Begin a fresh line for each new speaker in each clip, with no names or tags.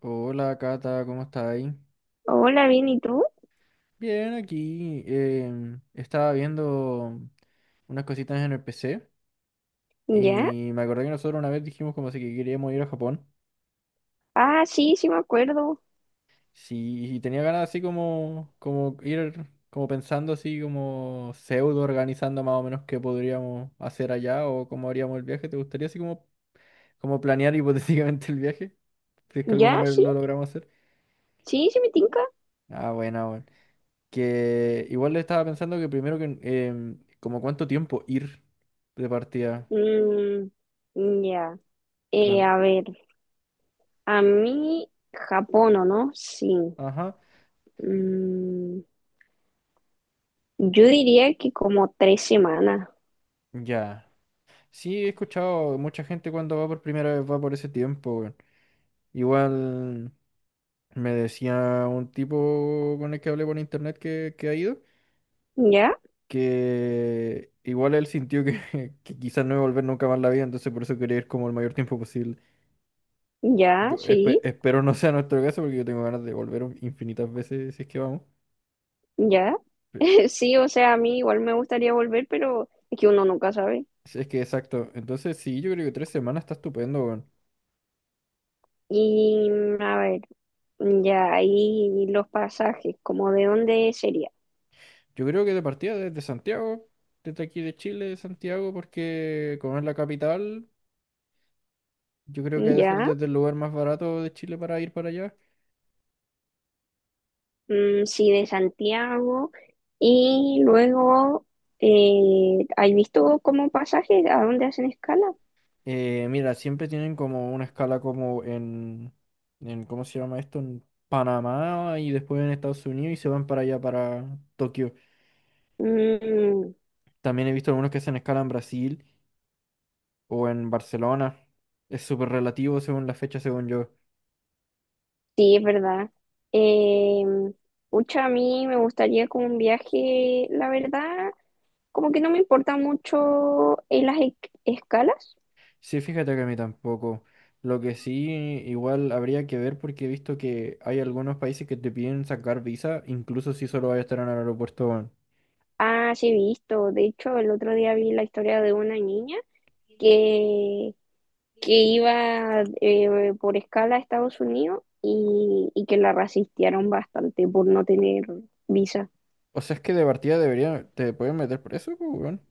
Hola Cata, ¿cómo está ahí?
Hola, bien, ¿y tú?
Bien, aquí estaba viendo unas cositas en el PC
¿Ya?
y me acordé que nosotros una vez dijimos como si que queríamos ir a Japón.
Ah, sí, sí me acuerdo.
Sí, y tenía ganas así como, como ir, como pensando así como pseudo organizando más o menos qué podríamos hacer allá o cómo haríamos el viaje. ¿Te gustaría así como, como planear hipotéticamente el viaje? Si es que alguna
¿Ya?
vez
Sí,
lo logramos hacer.
sí me tinca.
Ah, buena, bueno. Que igual le estaba pensando que primero que como cuánto tiempo ir de partida
Mm, ya.
para...
A ver, a mí Japón, ¿o no? Sí.
Ajá,
Mm, yo diría que como 3 semanas.
ya. Sí, he escuchado mucha gente cuando va por primera vez va por ese tiempo, weón. Igual me decía un tipo con el que hablé por internet que ha ido,
¿Ya?
que igual él sintió que, que quizás no iba a volver nunca más en la vida, entonces por eso quería ir como el mayor tiempo posible.
¿Ya?
Yo
Sí,
espero no sea nuestro caso porque yo tengo ganas de volver infinitas veces si es que vamos.
ya. Sí, o sea, a mí igual me gustaría volver, pero es que uno nunca sabe.
Sí, es que exacto. Entonces, sí, yo creo que tres semanas está estupendo, weón.
Y a ver, ya ahí los pasajes, como de dónde sería.
Yo creo que de partida desde Santiago, desde aquí de Chile, de Santiago, porque como es la capital, yo creo que debe ser
¿Ya?
desde el lugar más barato de Chile para ir para allá.
Mm, sí, de Santiago. Y luego, ¿has visto como pasajes a dónde hacen escala?
Mira, siempre tienen como una escala como en, ¿cómo se llama esto? En Panamá y después en Estados Unidos y se van para allá, para Tokio.
Mm,
También he visto algunos que hacen escala en Brasil o en Barcelona. Es súper relativo según la fecha, según yo.
sí, es verdad. Eh, Pucha, a mí me gustaría como un viaje, la verdad, como que no me importa mucho en escalas.
Sí, fíjate que a mí tampoco. Lo que sí, igual habría que ver porque he visto que hay algunos países que te piden sacar visa, incluso si solo vas a estar en el aeropuerto, weón.
Ah, sí, he visto. De hecho, el otro día vi la historia de una niña que que iba por escala a Estados Unidos y que la rasistearon bastante por no tener visa.
O sea, es que de partida deberían te pueden meter preso, pues, weón.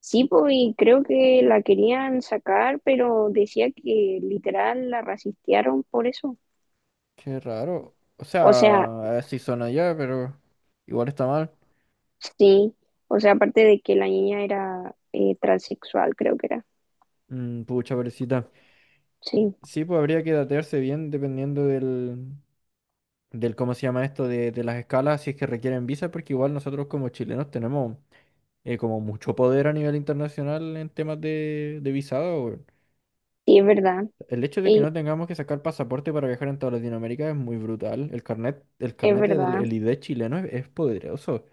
Sí, pues, y creo que la querían sacar, pero decía que literal la rasistearon por eso.
Qué raro. O
O sea,
sea, si son allá, pero igual está mal.
sí, o sea, aparte de que la niña era transexual, creo que era.
Mm, pucha, pobrecita.
Sí,
Sí, pues habría que datearse bien dependiendo del, del cómo se llama esto, de las escalas, si es que requieren visa, porque igual nosotros como chilenos tenemos. Como mucho poder a nivel internacional en temas de visado, weón.
sí, es verdad,
El hecho de que
y
no tengamos que sacar pasaporte para viajar en toda Latinoamérica es muy brutal. El
es
carnet del
verdad.
el ID chileno es poderoso.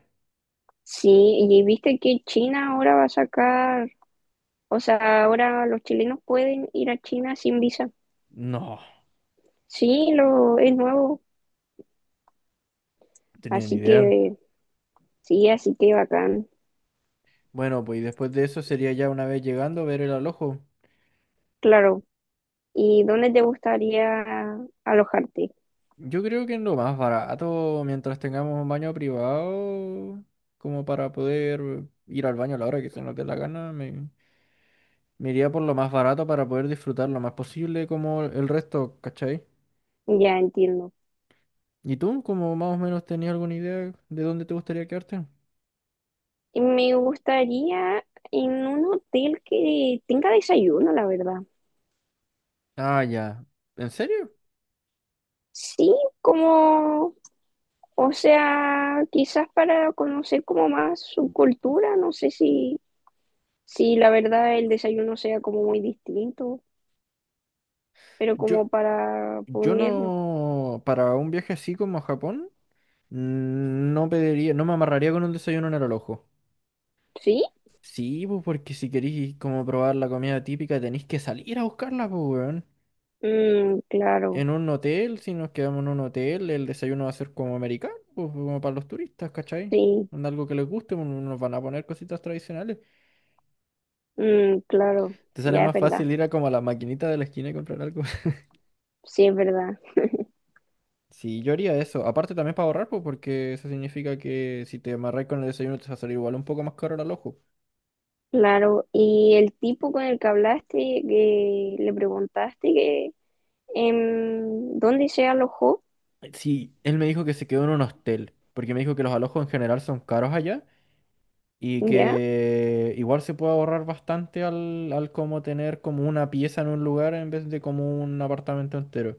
Sí, y viste que China ahora va a sacar, o sea, ahora los chilenos pueden ir a China sin visa.
No,
Sí, no, es nuevo,
no tenía ni
así
idea.
que sí, así que bacán,
Bueno, pues y después de eso sería ya una vez llegando ver el alojo.
claro. ¿Y dónde te gustaría alojarte?
Yo creo que es lo más barato mientras tengamos un baño privado, como para poder ir al baño a la hora que se nos dé la gana, me iría por lo más barato para poder disfrutar lo más posible como el resto, ¿cachai?
Ya entiendo.
¿Y tú, como más o menos tenías alguna idea de dónde te gustaría quedarte?
Y me gustaría en un hotel que tenga desayuno, la verdad.
Ah, ya. ¿En serio?
Sí, como, o sea, quizás para conocer como más su cultura, no sé si, si la verdad el desayuno sea como muy distinto, pero
Yo,
como para
yo
poder,
no, para un viaje así como a Japón, no pediría, no me amarraría con un desayuno en el ojo.
sí.
Sí, pues porque si queréis como probar la comida típica tenéis que salir a buscarla, pues, weón.
Mm, claro.
En un hotel, si nos quedamos en un hotel, el desayuno va a ser como americano, pues, como para los turistas, ¿cachai?
Sí.
Onda, algo que les guste, pues, nos van a poner cositas tradicionales.
Mm, claro,
Te sale
ya es
más
verdad,
fácil ir a como a la maquinita de la esquina y comprar algo.
sí es verdad,
Sí, yo haría eso. Aparte también para ahorrar, pues, porque eso significa que si te amarras con el desayuno te va a salir igual un poco más caro el alojo.
claro. Y el tipo con el que hablaste, que le preguntaste que dónde se alojó,
Sí, él me dijo que se quedó en un hostel, porque me dijo que los alojos en general son caros allá y
ya,
que igual se puede ahorrar bastante al como tener como una pieza en un lugar en vez de como un apartamento entero.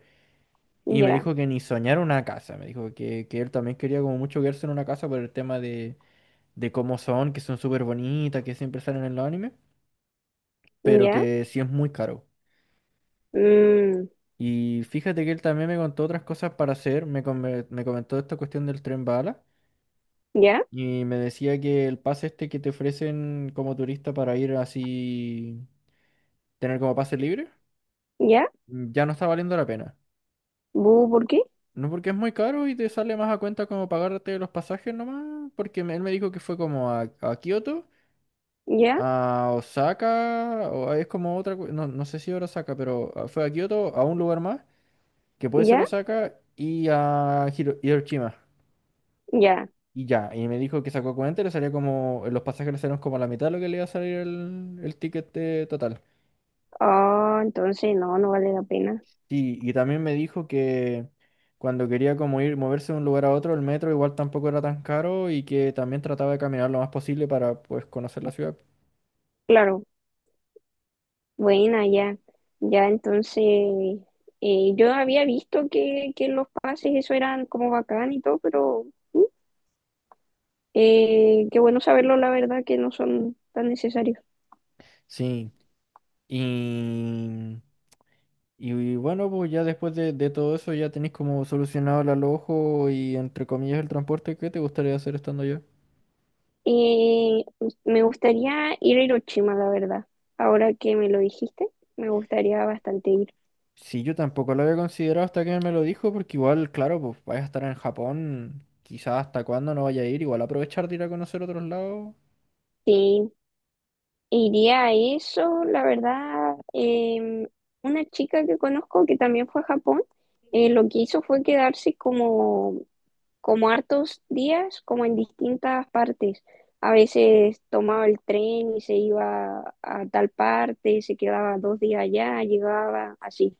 Y me
ya,
dijo que ni soñar una casa, me dijo que él también quería como mucho quedarse en una casa por el tema de cómo son, que son súper bonitas, que siempre salen en los animes, pero
ya,
que sí es muy caro.
mm,
Y fíjate que él también me contó otras cosas para hacer, me, me comentó esta cuestión del tren bala
ya,
y me decía que el pase este que te ofrecen como turista para ir así, tener como pase libre,
ya,
ya no está valiendo la pena.
bu, ¿por qué?
No porque es muy caro y te sale más a cuenta como pagarte los pasajes nomás, porque él me dijo que fue como a Kioto,
Ya,
a Osaka, o es como otra, no, no sé si era Osaka, pero fue a Kioto, a un lugar más, que puede ser
ya,
Osaka, y a Hiroshima.
ya.
Y ya, y me dijo que sacó cuenta y le salía como, los pasajes le salieron como a la mitad de lo que le iba a salir el ticket total.
Ah, entonces no, no vale la pena.
Sí, y también me dijo que cuando quería como ir, moverse de un lugar a otro, el metro igual tampoco era tan caro y que también trataba de caminar lo más posible para pues conocer la ciudad.
Claro, buena, ya, ya, entonces yo había visto que los pases, eso eran como bacán y todo, pero qué bueno saberlo, la verdad, que no son tan necesarios.
Sí, y, y bueno, pues ya después de todo eso ya tenéis como solucionado el alojo y entre comillas el transporte. ¿Qué te gustaría hacer estando allá?
Eh, me gustaría ir a Hiroshima, la verdad. Ahora que me lo dijiste, me gustaría bastante ir.
Sí, yo tampoco lo había considerado hasta que me lo dijo, porque igual, claro, pues vaya a estar en Japón, quizás hasta cuándo no vaya a ir, igual aprovechar de ir a conocer otros lados.
Sí, iría a eso, la verdad. Una chica que conozco que también fue a Japón, lo que hizo fue quedarse como hartos días, como en distintas partes. A veces tomaba el tren y se iba a tal parte, se quedaba 2 días allá, llegaba así.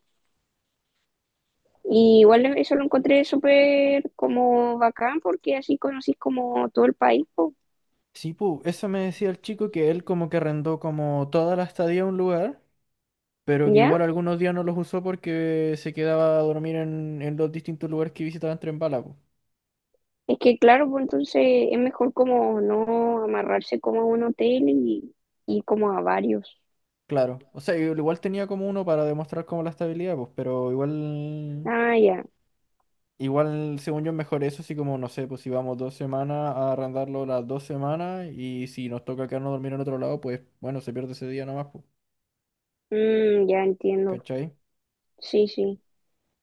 Y igual eso lo encontré súper como bacán porque así conocís como todo el país, po.
Sí, pues eso me decía el chico que él como que arrendó como toda la estadía a un lugar, pero que
¿Ya?
igual algunos días no los usó porque se quedaba a dormir en los distintos lugares que visitaba en tren bala, pues.
Es que claro, pues entonces es mejor como no amarrarse como a un hotel y como a varios.
Claro, o sea, igual tenía como uno para demostrar como la estabilidad, pues, pero igual.
Ah, ya.
Igual, según yo, es mejor eso, así como, no sé, pues si vamos dos semanas a arrendarlo las dos semanas y si nos toca quedarnos a dormir en otro lado, pues bueno, se pierde ese día nomás, pues,
Mm, ya entiendo.
¿cachai?
Sí, sí,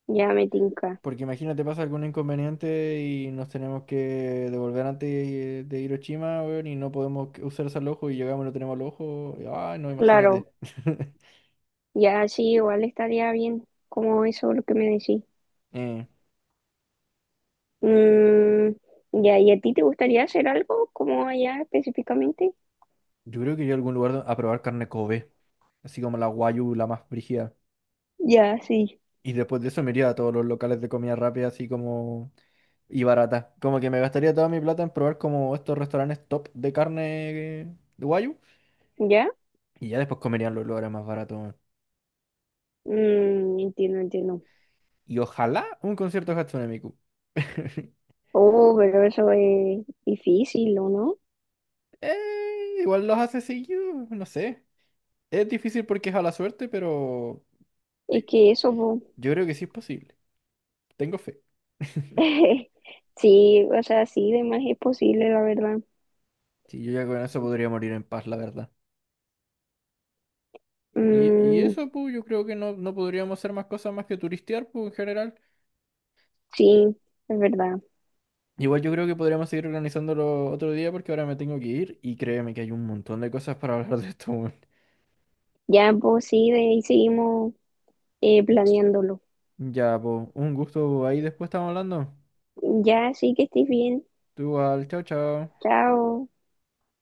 ya me tinca.
Porque imagínate, pasa algún inconveniente y nos tenemos que devolver antes de Hiroshima, weón, y no podemos usar ese ojo y llegamos y no tenemos el ojo. Y, ay, no, imagínate.
Claro. Ya, sí, igual estaría bien, como eso lo que me decís.
Eh,
Mm, ya, ¿y a ti te gustaría hacer algo como allá específicamente?
yo creo que iría a algún lugar a probar carne Kobe, así como la guayu, la más brígida.
Ya, sí.
Y después de eso me iría a todos los locales de comida rápida, así como y barata. Como que me gastaría toda mi plata en probar como estos restaurantes top de carne eh, de guayu.
¿Ya?
Y ya después comerían los lugares más baratos, weón.
Mm, entiendo, entiendo.
Y ojalá un concierto de Hatsune Miku.
Oh, pero eso es difícil, ¿o no?
Igual los hace seguido, no sé. Es difícil porque es a la suerte, pero
Es
sí,
que eso, po.
yo creo que sí es posible. Tengo fe.
Sí, o sea, sí, de más es posible, la verdad.
Sí, yo ya con eso podría morir en paz, la verdad. Y
Mm,
eso, pues, yo creo que no, no podríamos hacer más cosas más que turistear, pues, en general.
sí, es verdad.
Igual yo creo que podríamos seguir organizándolo otro día porque ahora me tengo que ir y créeme que hay un montón de cosas para hablar de esto, weón.
Ya, pues sí, de ahí seguimos planeándolo.
Ya, pues, un gusto. Ahí después estamos hablando.
Ya, sí que estés bien.
Tú igual, chao, chao.
Chao.